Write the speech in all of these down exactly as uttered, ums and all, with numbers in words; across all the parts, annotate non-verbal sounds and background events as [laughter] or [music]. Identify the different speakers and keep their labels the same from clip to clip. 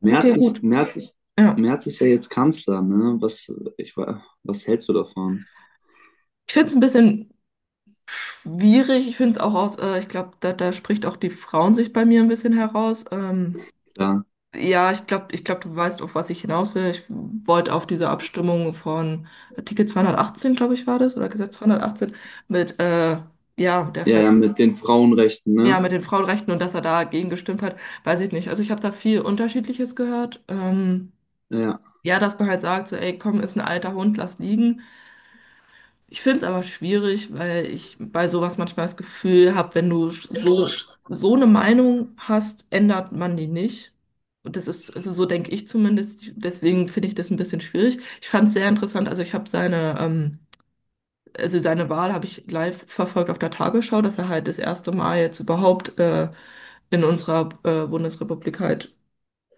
Speaker 1: Merz
Speaker 2: Okay, gut.
Speaker 1: ist, Merz ist,
Speaker 2: Ja.
Speaker 1: Merz ist ja jetzt Kanzler, ne? Was, ich, wa- was hältst du davon?
Speaker 2: Ich finde es ein bisschen schwierig. Ich finde es auch aus, äh, ich glaube, da, da spricht auch die Frauensicht bei mir ein bisschen heraus. Ähm,
Speaker 1: Klar.
Speaker 2: ja, ich glaube, ich glaub, du weißt, auf was ich hinaus will. Ich wollte auf diese Abstimmung von Artikel zweihundertachtzehn, glaube ich, war das, oder Gesetz zweihundertachtzehn mit, äh, ja, der
Speaker 1: Ja,
Speaker 2: Ver
Speaker 1: ja, mit den Frauenrechten,
Speaker 2: ja,
Speaker 1: ne?
Speaker 2: mit den Frauenrechten und dass er dagegen gestimmt hat, weiß ich nicht. Also ich habe da viel Unterschiedliches gehört. Ähm,
Speaker 1: Ja.
Speaker 2: ja, dass man halt sagt, so, ey, komm, ist ein alter Hund, lass liegen. Ich finde es aber schwierig, weil ich bei sowas manchmal das Gefühl habe, wenn du so, so eine Meinung hast, ändert man die nicht. Und das ist, also so denke ich zumindest, deswegen finde ich das ein bisschen schwierig. Ich fand es sehr interessant, also ich habe seine, ähm, also seine Wahl habe ich live verfolgt auf der Tagesschau, dass er halt das erste Mal jetzt überhaupt äh, in unserer äh, Bundesrepublik halt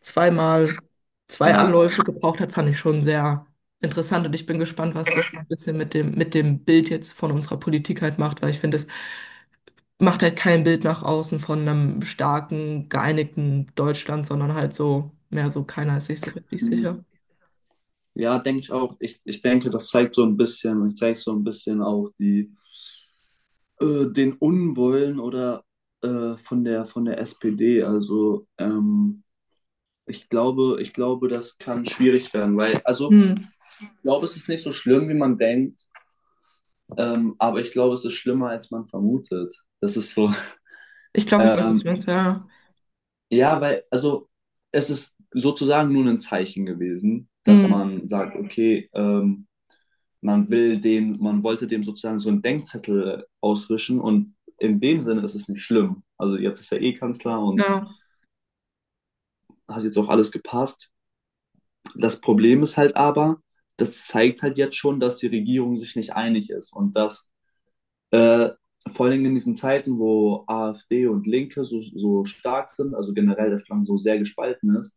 Speaker 2: zweimal zwei
Speaker 1: Ja.
Speaker 2: Anläufe gebraucht hat, fand ich schon sehr interessant. Und ich bin gespannt, was das so ein bisschen mit dem, mit dem Bild jetzt von unserer Politik halt macht, weil ich finde, es macht halt kein Bild nach außen von einem starken, geeinigten Deutschland, sondern halt so, mehr so, keiner ist sich so richtig
Speaker 1: Hm.
Speaker 2: sicher.
Speaker 1: Ja, denke ich auch. Ich, ich denke, das zeigt so ein bisschen und zeigt so ein bisschen auch die, äh, den Unwollen oder äh, von der von der S P D. Also ähm, ich glaube, ich glaube, das kann schwierig werden, weil, also
Speaker 2: Hm.
Speaker 1: ich glaube, es ist nicht so schlimm, wie man denkt, ähm, aber ich glaube, es ist schlimmer, als man vermutet. Das ist so. [laughs]
Speaker 2: Ich glaube, ich weiß, was
Speaker 1: Ähm,
Speaker 2: du meinst, ja.
Speaker 1: Ja, weil, also es ist sozusagen nur ein Zeichen gewesen, dass
Speaker 2: Hm.
Speaker 1: man sagt, okay, ähm, man will dem, man wollte dem sozusagen so einen Denkzettel auswischen, und in dem Sinne ist es nicht schlimm. Also jetzt ist er eh Kanzler und
Speaker 2: Ja.
Speaker 1: hat jetzt auch alles gepasst. Das Problem ist halt aber, das zeigt halt jetzt schon, dass die Regierung sich nicht einig ist und dass äh, vor allem in diesen Zeiten, wo A F D und Linke so, so stark sind, also generell das Land so sehr gespalten ist,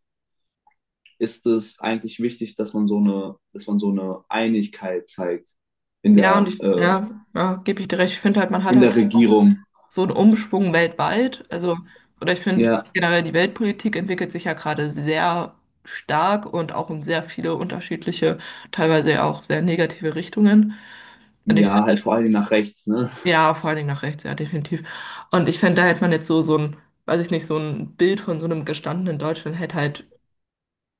Speaker 1: ist es eigentlich wichtig, dass man so eine, dass man so eine Einigkeit zeigt in
Speaker 2: Ja, und
Speaker 1: der,
Speaker 2: ich,
Speaker 1: äh,
Speaker 2: ja, ja, gebe ich dir recht. Ich finde halt, man hat
Speaker 1: in
Speaker 2: halt
Speaker 1: der
Speaker 2: auch
Speaker 1: Regierung.
Speaker 2: so ein Umschwung weltweit. Also, oder ich finde
Speaker 1: Ja,
Speaker 2: generell die Weltpolitik entwickelt sich ja gerade sehr stark und auch in sehr viele unterschiedliche, teilweise ja auch sehr negative Richtungen. Und ich
Speaker 1: ja, halt
Speaker 2: finde,
Speaker 1: vor allem nach rechts, ne?
Speaker 2: ja, vor allen Dingen nach rechts, ja, definitiv. Und ich finde, da hätte man jetzt so, so ein, weiß ich nicht, so ein Bild von so einem gestandenen Deutschland hätte halt,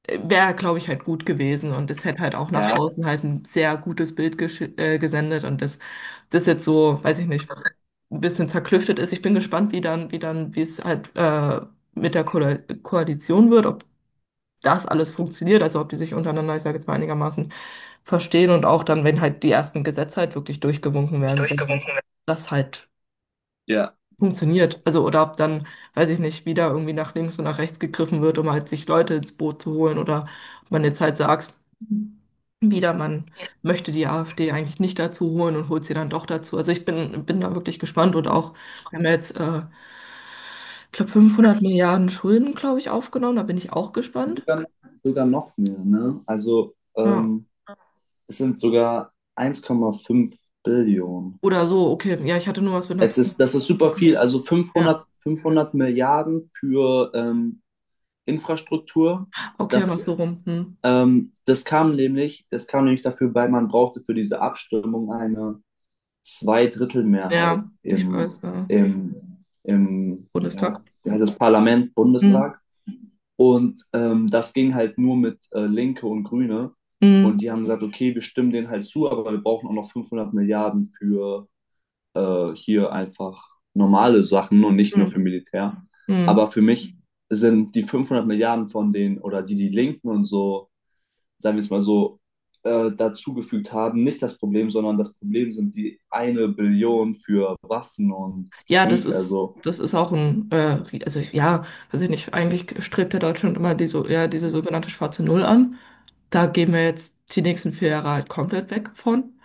Speaker 2: wäre, glaube ich, halt gut gewesen. Und es hätte halt auch nach
Speaker 1: Ja,
Speaker 2: außen halt ein sehr gutes Bild gesch- äh, gesendet. Und das, das jetzt so, weiß ich nicht, ein bisschen zerklüftet ist. Ich bin gespannt, wie dann, wie dann, wie es halt äh, mit der Ko Koalition wird, ob das alles funktioniert, also ob die sich untereinander, ich sage jetzt mal, einigermaßen verstehen und auch dann, wenn halt die ersten Gesetze halt wirklich durchgewunken werden,
Speaker 1: durchgewunken werden.
Speaker 2: dass halt
Speaker 1: Ja.
Speaker 2: funktioniert. Also, oder ob dann, weiß ich nicht, wieder irgendwie nach links und nach rechts gegriffen wird, um halt sich Leute ins Boot zu holen, oder ob man jetzt halt sagt, wieder, man möchte die AfD eigentlich nicht dazu holen und holt sie dann doch dazu. Also ich bin, bin da wirklich gespannt und auch, wir haben ja jetzt, äh, ich glaube, fünfhundert Milliarden Schulden, glaube ich, aufgenommen, da bin ich auch gespannt.
Speaker 1: Sogar, sogar noch mehr, ne? Also
Speaker 2: Ja.
Speaker 1: ähm, es sind sogar eins Komma fünf Billionen.
Speaker 2: Oder so, okay, ja, ich hatte nur was mit einer
Speaker 1: Es
Speaker 2: fünf
Speaker 1: ist, das ist
Speaker 2: im
Speaker 1: super
Speaker 2: Kopf.
Speaker 1: viel. Also
Speaker 2: Ja,
Speaker 1: fünfhundert fünfhundert Milliarden für ähm, Infrastruktur.
Speaker 2: okay,
Speaker 1: Das
Speaker 2: mach so rum. Hm.
Speaker 1: Ähm, das kam nämlich, das kam nämlich dafür, weil man brauchte für diese Abstimmung eine Zweidrittelmehrheit
Speaker 2: Ja, ich
Speaker 1: im,
Speaker 2: weiß, äh,
Speaker 1: im, im ja,
Speaker 2: Bundestag.
Speaker 1: wie heißt das Parlament,
Speaker 2: Hm.
Speaker 1: Bundestag. Und ähm, das ging halt nur mit äh, Linke und Grüne.
Speaker 2: Hm.
Speaker 1: Und die haben gesagt, okay, wir stimmen denen halt zu, aber wir brauchen auch noch fünfhundert Milliarden für äh, hier einfach normale Sachen und nicht nur
Speaker 2: Hm,
Speaker 1: für Militär.
Speaker 2: hm.
Speaker 1: Aber für mich sind die fünfhundert Milliarden von denen oder die die Linken und so, sagen wir es mal so, äh, dazugefügt haben, nicht das Problem, sondern das Problem sind die eine Billion für Waffen und
Speaker 2: Ja, das
Speaker 1: Krieg.
Speaker 2: ist,
Speaker 1: Also,
Speaker 2: das ist auch ein, äh, wie- also ja, weiß ich nicht, eigentlich strebt ja Deutschland immer die, so, ja, diese sogenannte schwarze Null an. Da gehen wir jetzt die nächsten vier Jahre halt komplett weg von.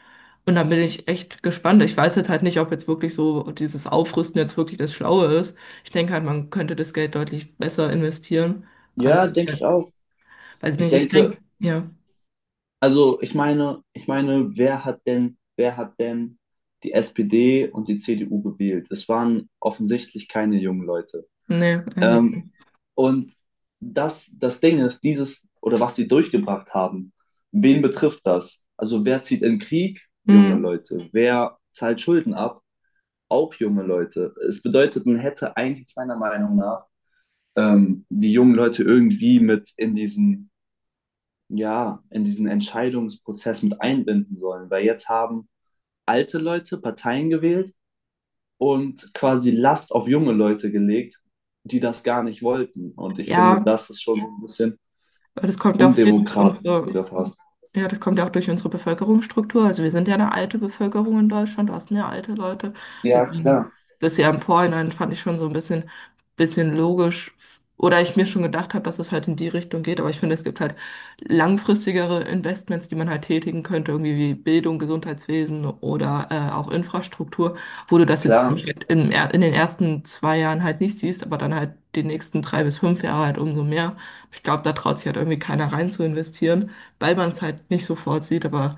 Speaker 2: Und da bin ich echt gespannt. Ich weiß jetzt halt nicht, ob jetzt wirklich so dieses Aufrüsten jetzt wirklich das Schlaue ist. Ich denke halt, man könnte das Geld deutlich besser investieren. Aber das
Speaker 1: ja,
Speaker 2: ist
Speaker 1: denke ich
Speaker 2: halt,
Speaker 1: auch.
Speaker 2: weiß ich
Speaker 1: Ich
Speaker 2: nicht, ich denke,
Speaker 1: denke,
Speaker 2: ja,
Speaker 1: also ich meine, ich meine, wer hat denn, wer hat denn die S P D und die C D U gewählt? Es waren offensichtlich keine jungen Leute.
Speaker 2: nee, äh, nicht.
Speaker 1: Ähm, und das, das Ding ist, dieses oder was sie durchgebracht haben, wen betrifft das? Also wer zieht in Krieg junge
Speaker 2: Hm.
Speaker 1: Leute? Wer zahlt Schulden ab? Auch junge Leute. Es bedeutet, man hätte eigentlich meiner Meinung nach ähm, die jungen Leute irgendwie mit in diesen, ja, in diesen Entscheidungsprozess mit einbinden sollen. Weil jetzt haben alte Leute Parteien gewählt und quasi Last auf junge Leute gelegt, die das gar nicht wollten. Und ich finde,
Speaker 2: Ja,
Speaker 1: das ist schon ein bisschen
Speaker 2: aber das kommt ja auch viel durch
Speaker 1: undemokratisch,
Speaker 2: unsere.
Speaker 1: sogar fast.
Speaker 2: Ja, das kommt ja auch durch unsere Bevölkerungsstruktur. Also wir sind ja eine alte Bevölkerung in Deutschland, du hast mehr alte Leute.
Speaker 1: Ja,
Speaker 2: Deswegen,
Speaker 1: klar,
Speaker 2: das ja im Vorhinein fand ich schon so ein bisschen, bisschen logisch. Oder ich mir schon gedacht habe, dass es halt in die Richtung geht. Aber ich finde, es gibt halt langfristigere Investments, die man halt tätigen könnte, irgendwie wie Bildung, Gesundheitswesen oder äh, auch Infrastruktur, wo du das jetzt, glaub
Speaker 1: klar.
Speaker 2: ich, halt im, er- in den ersten zwei Jahren halt nicht siehst, aber dann halt die nächsten drei bis fünf Jahre halt umso mehr. Ich glaube, da traut sich halt irgendwie keiner rein zu investieren, weil man es halt nicht sofort sieht. Aber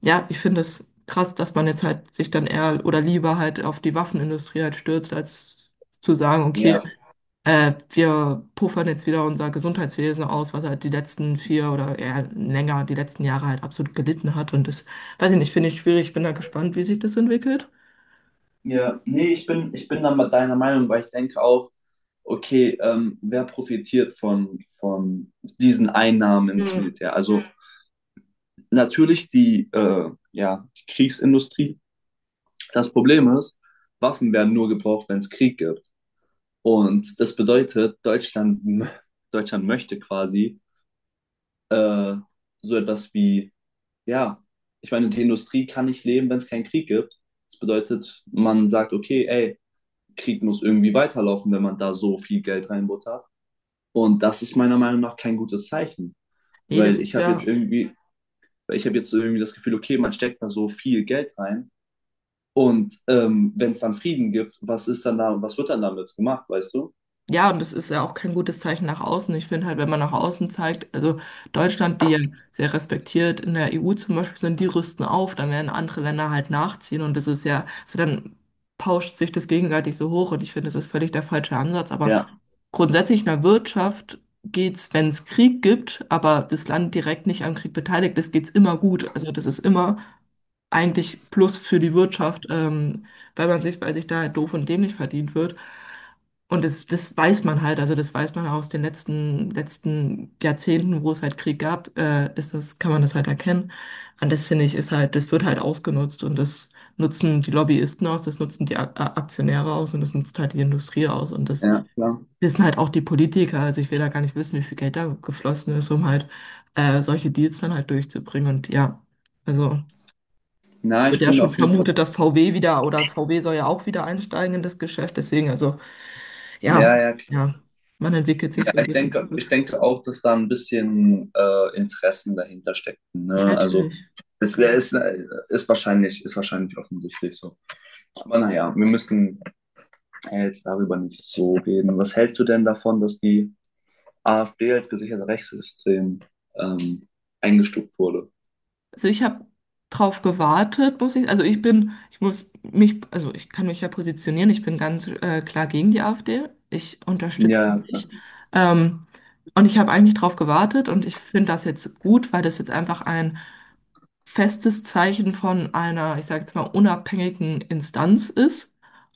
Speaker 2: ja, ich finde es krass, dass man jetzt halt sich dann eher oder lieber halt auf die Waffenindustrie halt stürzt, als zu sagen, okay,
Speaker 1: Ja.
Speaker 2: äh, wir puffern jetzt wieder unser Gesundheitswesen aus, was halt die letzten vier oder eher länger, die letzten Jahre halt absolut gelitten hat. Und das, weiß ich nicht, finde ich schwierig. Ich bin da gespannt, wie sich das entwickelt.
Speaker 1: Ja, nee, ich bin, ich bin da mal deiner Meinung, weil ich denke auch, okay, ähm, wer profitiert von, von diesen Einnahmen ins
Speaker 2: Hm.
Speaker 1: Militär? Also natürlich die, äh, ja, die Kriegsindustrie. Das Problem ist, Waffen werden nur gebraucht, wenn es Krieg gibt. Und das bedeutet, Deutschland, [laughs] Deutschland möchte quasi äh, so etwas wie, ja, ich meine, die Industrie kann nicht leben, wenn es keinen Krieg gibt. Das bedeutet, man sagt, okay, ey, Krieg muss irgendwie weiterlaufen, wenn man da so viel Geld reinbuttert. Und das ist meiner Meinung nach kein gutes Zeichen,
Speaker 2: Nee, das
Speaker 1: weil ich
Speaker 2: ist
Speaker 1: habe jetzt
Speaker 2: ja.
Speaker 1: irgendwie, ich habe jetzt irgendwie das Gefühl, okay, man steckt da so viel Geld rein, und ähm, wenn es dann Frieden gibt, was ist dann da, was wird dann damit gemacht, weißt du?
Speaker 2: Ja, und das ist ja auch kein gutes Zeichen nach außen. Ich finde halt, wenn man nach außen zeigt, also Deutschland, die ja sehr respektiert in der E U zum Beispiel sind, die rüsten auf, dann werden andere Länder halt nachziehen, und das ist ja, so dann pauscht sich das gegenseitig so hoch, und ich finde, das ist völlig der falsche Ansatz. Aber
Speaker 1: Ja.
Speaker 2: grundsätzlich in der Wirtschaft geht's, wenn es Krieg gibt, aber das Land direkt nicht am Krieg beteiligt ist, geht's immer gut. Also das ist immer eigentlich Plus für die Wirtschaft, ähm, weil man sich, weil sich da doof und dämlich verdient wird. Und das, das weiß man halt, also das weiß man aus den letzten, letzten Jahrzehnten, wo es halt Krieg gab, äh, ist das, kann man das halt erkennen. Und das finde ich, ist halt, das wird halt ausgenutzt und das nutzen die Lobbyisten aus, das nutzen die A A- Aktionäre aus und das nutzt halt die Industrie aus und das
Speaker 1: Ja, klar.
Speaker 2: wissen halt auch die Politiker. Also ich will da gar nicht wissen, wie viel Geld da geflossen ist, um halt äh, solche Deals dann halt durchzubringen. Und ja, also. Es
Speaker 1: Na,
Speaker 2: wird
Speaker 1: ich
Speaker 2: ja
Speaker 1: bin
Speaker 2: schon
Speaker 1: auf jeden Fall.
Speaker 2: vermutet, dass V W wieder, oder V W soll ja auch wieder einsteigen in das Geschäft. Deswegen, also ja,
Speaker 1: Ja, ja,
Speaker 2: ja, man entwickelt
Speaker 1: ja,
Speaker 2: sich so ein
Speaker 1: ich
Speaker 2: bisschen
Speaker 1: denke, ich
Speaker 2: zurück.
Speaker 1: denke auch, dass da ein bisschen äh, Interessen dahinter steckten.
Speaker 2: Ja,
Speaker 1: Ne? Also
Speaker 2: natürlich.
Speaker 1: es wär- ist, ist wahrscheinlich, ist wahrscheinlich offensichtlich so. Aber naja, wir müssen, ja, jetzt darüber nicht so reden. Was hältst du denn davon, dass die A F D als gesichertes Rechtssystem ähm, eingestuft wurde?
Speaker 2: Also ich habe drauf gewartet, muss ich. Also ich bin, ich muss mich, also ich kann mich ja positionieren. Ich bin ganz äh, klar gegen die AfD. Ich unterstütze
Speaker 1: Ja,
Speaker 2: die
Speaker 1: ja.
Speaker 2: nicht. Ähm, und ich habe eigentlich drauf gewartet und ich finde das jetzt gut, weil das jetzt einfach ein festes Zeichen von einer, ich sage jetzt mal, unabhängigen Instanz ist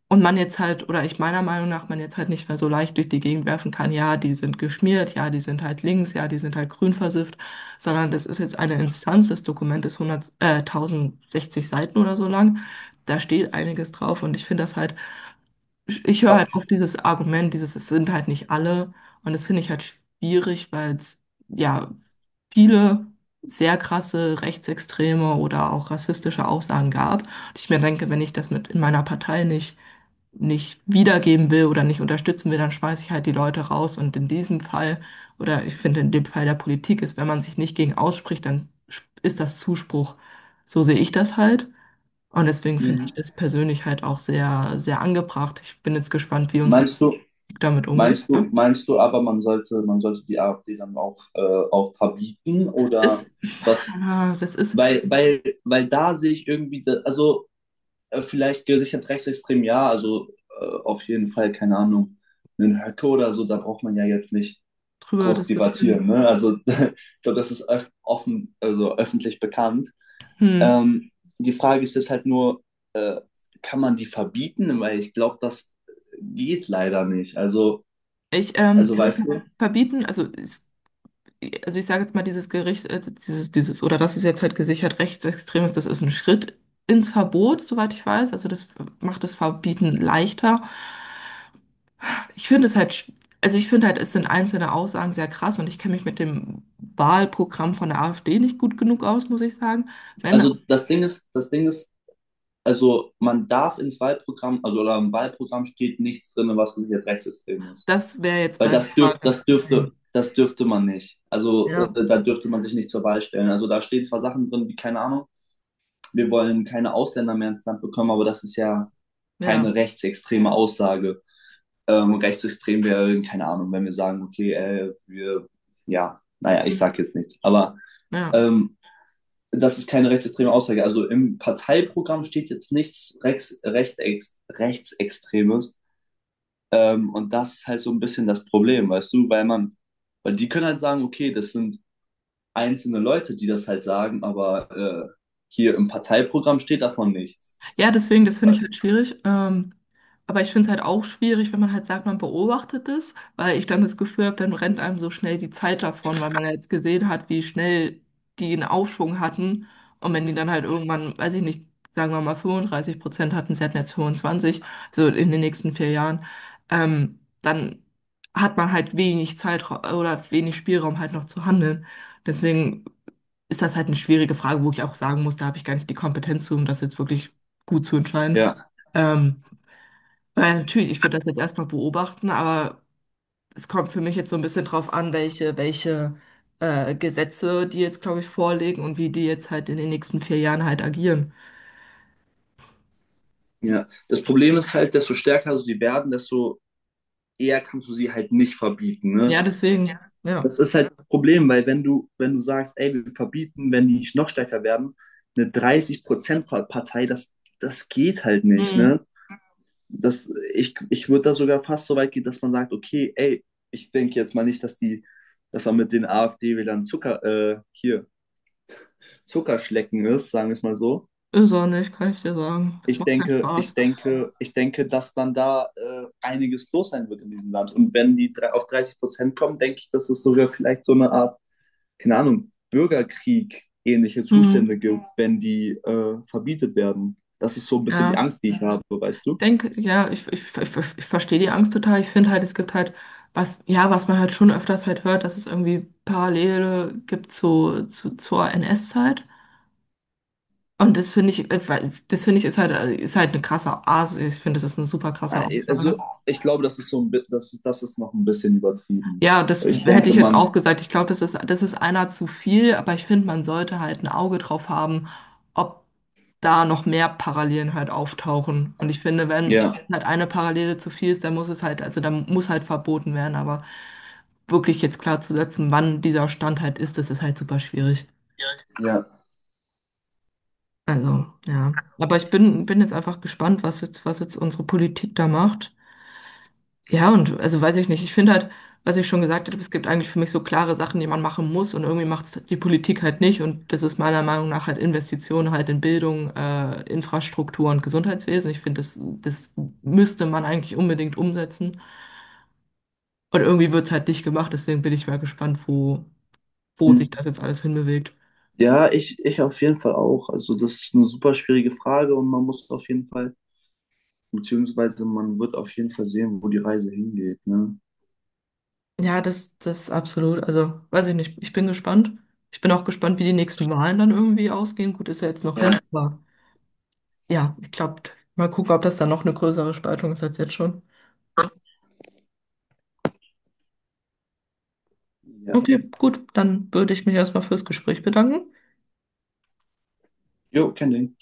Speaker 2: und man jetzt halt, oder ich meiner Meinung nach, man jetzt halt nicht mehr so leicht durch die Gegend werfen kann, ja, die sind geschmiert, ja, die sind halt links, ja, die sind halt grün versifft, sondern das ist jetzt eine Instanz, das Dokument ist hundert, äh, tausendsechzig Seiten oder so lang, da steht einiges drauf und ich finde das halt, ich höre
Speaker 1: aber
Speaker 2: halt oft dieses Argument, dieses, es sind halt nicht alle, und das finde ich halt schwierig, weil es, ja, viele sehr krasse rechtsextreme oder auch rassistische Aussagen gab. Und ich mir denke, wenn ich das mit in meiner Partei nicht, nicht wiedergeben will oder nicht unterstützen will, dann schmeiße ich halt die Leute raus. Und in diesem Fall, oder ich finde in dem Fall der Politik ist, wenn man sich nicht gegen ausspricht, dann sch- ist das Zuspruch. So sehe ich das halt. Und deswegen finde
Speaker 1: mh,
Speaker 2: ich das persönlich halt auch sehr, sehr angebracht. Ich bin jetzt gespannt, wie unsere
Speaker 1: meinst du,
Speaker 2: Politik damit umgeht.
Speaker 1: meinst
Speaker 2: Ja.
Speaker 1: du, meinst du aber, man sollte, man sollte die A F D dann auch, äh, auch verbieten
Speaker 2: Das,
Speaker 1: oder was?
Speaker 2: ah, das ist
Speaker 1: Weil, weil, weil da sehe ich irgendwie, da- also äh, vielleicht gesichert rechtsextrem, ja, also, äh, auf jeden Fall, keine Ahnung, einen Höcke oder so, da braucht man ja jetzt nicht
Speaker 2: drüber
Speaker 1: groß
Speaker 2: diskutieren.
Speaker 1: debattieren. Ne? Also [laughs] ich glaube, das ist öf offen, also öffentlich bekannt.
Speaker 2: Hm.
Speaker 1: Ähm, Die Frage ist jetzt halt nur, äh, kann man die verbieten? Weil ich glaube, das geht leider nicht. Also,
Speaker 2: Ich, ähm,
Speaker 1: also
Speaker 2: also ver-
Speaker 1: weißt du,
Speaker 2: verbieten, also, ist, also ich sage jetzt mal, dieses Gericht, äh, dieses, dieses, oder das ist jetzt halt gesichert rechtsextrem ist, das ist ein Schritt ins Verbot, soweit ich weiß. Also das macht das Verbieten leichter. Ich finde es halt, sch- also ich finde halt, es sind einzelne Aussagen sehr krass und ich kenne mich mit dem Wahlprogramm von der AfD nicht gut genug aus, muss ich sagen. Wenn,
Speaker 1: also das Ding ist, das Ding ist, also man darf ins Wahlprogramm, also oder im Wahlprogramm steht nichts drin, was gesichert rechtsextrem ist.
Speaker 2: das wäre jetzt
Speaker 1: Weil
Speaker 2: meine
Speaker 1: das dürft,
Speaker 2: Frage.
Speaker 1: das dürfte,
Speaker 2: Deswegen.
Speaker 1: das dürfte man nicht. Also
Speaker 2: Ja,
Speaker 1: äh, da dürfte man sich nicht zur Wahl stellen. Also da stehen zwar Sachen drin, wie keine Ahnung, wir wollen keine Ausländer mehr ins Land bekommen, aber das ist ja
Speaker 2: ja,
Speaker 1: keine rechtsextreme Aussage. Ähm, rechtsextrem wäre, keine Ahnung, wenn wir sagen, okay, äh, wir, ja, naja, ich
Speaker 2: hm,
Speaker 1: sage jetzt nichts, aber
Speaker 2: ja.
Speaker 1: ähm, das ist keine rechtsextreme Aussage. Also im Parteiprogramm steht jetzt nichts Rex, Rechtex, rechtsextremes, ähm, und das ist halt so ein bisschen das Problem, weißt du, weil man, weil die können halt sagen, okay, das sind einzelne Leute, die das halt sagen, aber äh, hier im Parteiprogramm steht davon nichts.
Speaker 2: Ja, deswegen, das finde ich halt schwierig. Ähm, aber ich finde es halt auch schwierig, wenn man halt sagt, man beobachtet es, weil ich dann das Gefühl habe, dann rennt einem so schnell die Zeit davon, weil man ja jetzt gesehen hat, wie schnell die einen Aufschwung hatten. Und wenn die dann halt irgendwann, weiß ich nicht, sagen wir mal fünfunddreißig Prozent hatten, sie hatten jetzt fünfundzwanzig, so in den nächsten vier Jahren, ähm, dann hat man halt wenig Zeit oder wenig Spielraum halt noch zu handeln. Deswegen ist das halt eine schwierige Frage, wo ich auch sagen muss, da habe ich gar nicht die Kompetenz zu, um das jetzt wirklich gut zu entscheiden.
Speaker 1: Ja,
Speaker 2: Ähm, weil natürlich, ich würde das jetzt erstmal beobachten, aber es kommt für mich jetzt so ein bisschen drauf an, welche, welche äh, Gesetze die jetzt, glaube ich, vorlegen und wie die jetzt halt in den nächsten vier Jahren halt agieren.
Speaker 1: ja. Das Problem ist halt, desto stärker so die werden, desto eher kannst du sie halt nicht verbieten, ne?
Speaker 2: Ja, deswegen, ja.
Speaker 1: Das ist halt das Problem, weil wenn du, wenn du sagst, ey, wir verbieten, wenn die nicht noch stärker werden, eine dreißig Prozent-Partei, das, das geht halt nicht,
Speaker 2: Hm,
Speaker 1: ne? Das, ich ich würde da sogar fast so weit gehen, dass man sagt, okay, ey, ich denke jetzt mal nicht, dass die, dass man mit den A F D-Wählern Zucker, äh, hier, Zuckerschlecken ist, sagen wir es mal so.
Speaker 2: ist auch nicht, kann ich dir sagen. Das
Speaker 1: ich
Speaker 2: macht keinen
Speaker 1: denke, ich
Speaker 2: Spaß.
Speaker 1: denke, ich denke, dass dann da äh, einiges los sein wird in diesem Land. Und wenn die drei- auf dreißig Prozent kommen, denke ich, dass es sogar vielleicht so eine Art, keine Ahnung, Bürgerkrieg ähnliche
Speaker 2: Hm,
Speaker 1: Zustände gibt, wenn die äh, verbietet werden. Das ist so ein bisschen die
Speaker 2: ja.
Speaker 1: Angst, die ich habe, weißt du?
Speaker 2: Denke, ja, ich, ich, ich, ich verstehe die Angst total. Ich finde halt, es gibt halt was, ja, was man halt schon öfters halt hört, dass es irgendwie Parallele gibt zu, zu, zur N S-Zeit. Und das finde ich, äh, weil- das finde ich, ist halt, äh, ist halt eine krasse Aussage. Ich finde, das ist eine super krasse
Speaker 1: Äh, Also
Speaker 2: Aussage.
Speaker 1: ich glaube, das ist so ein, bi- das ist, das ist noch ein bisschen übertrieben.
Speaker 2: Ja, das
Speaker 1: Ich
Speaker 2: hätte
Speaker 1: denke,
Speaker 2: ich jetzt auch
Speaker 1: man,
Speaker 2: gesagt. Ich glaube, das ist, das ist einer zu viel, aber ich finde, man sollte halt ein Auge drauf haben, ob da noch mehr Parallelen halt auftauchen. Und ich finde, wenn
Speaker 1: ja,
Speaker 2: halt eine Parallele zu viel ist, dann muss es halt, also dann muss halt verboten werden. Aber wirklich jetzt klar zu setzen, wann dieser Stand halt ist, das ist halt super schwierig.
Speaker 1: ja.
Speaker 2: Also, ja. Aber ich bin, bin jetzt einfach gespannt, was jetzt, was jetzt unsere Politik da macht. Ja, und also weiß ich nicht. Ich finde halt, was ich schon gesagt habe, es gibt eigentlich für mich so klare Sachen, die man machen muss und irgendwie macht es die Politik halt nicht. Und das ist meiner Meinung nach halt Investitionen halt in Bildung, äh, Infrastruktur und Gesundheitswesen. Ich finde, das, das müsste man eigentlich unbedingt umsetzen. Und irgendwie wird es halt nicht gemacht, deswegen bin ich mal gespannt, wo, wo sich das jetzt alles hinbewegt.
Speaker 1: Ja, ich, ich auf jeden Fall auch. Also das ist eine super schwierige Frage, und man muss auf jeden Fall. Beziehungsweise, man wird auf jeden Fall sehen, wo die Reise hingeht, ne?
Speaker 2: Ja, das, das absolut. Also, weiß ich nicht. Ich bin gespannt. Ich bin auch gespannt, wie die nächsten Wahlen dann irgendwie ausgehen. Gut, ist ja jetzt noch
Speaker 1: Ja.
Speaker 2: hin, aber. Ja, ich glaube, mal gucken, ob das dann noch eine größere Spaltung ist als jetzt schon.
Speaker 1: Ja.
Speaker 2: Okay, gut, dann würde ich mich erstmal fürs Gespräch bedanken.
Speaker 1: Jo, kenn den.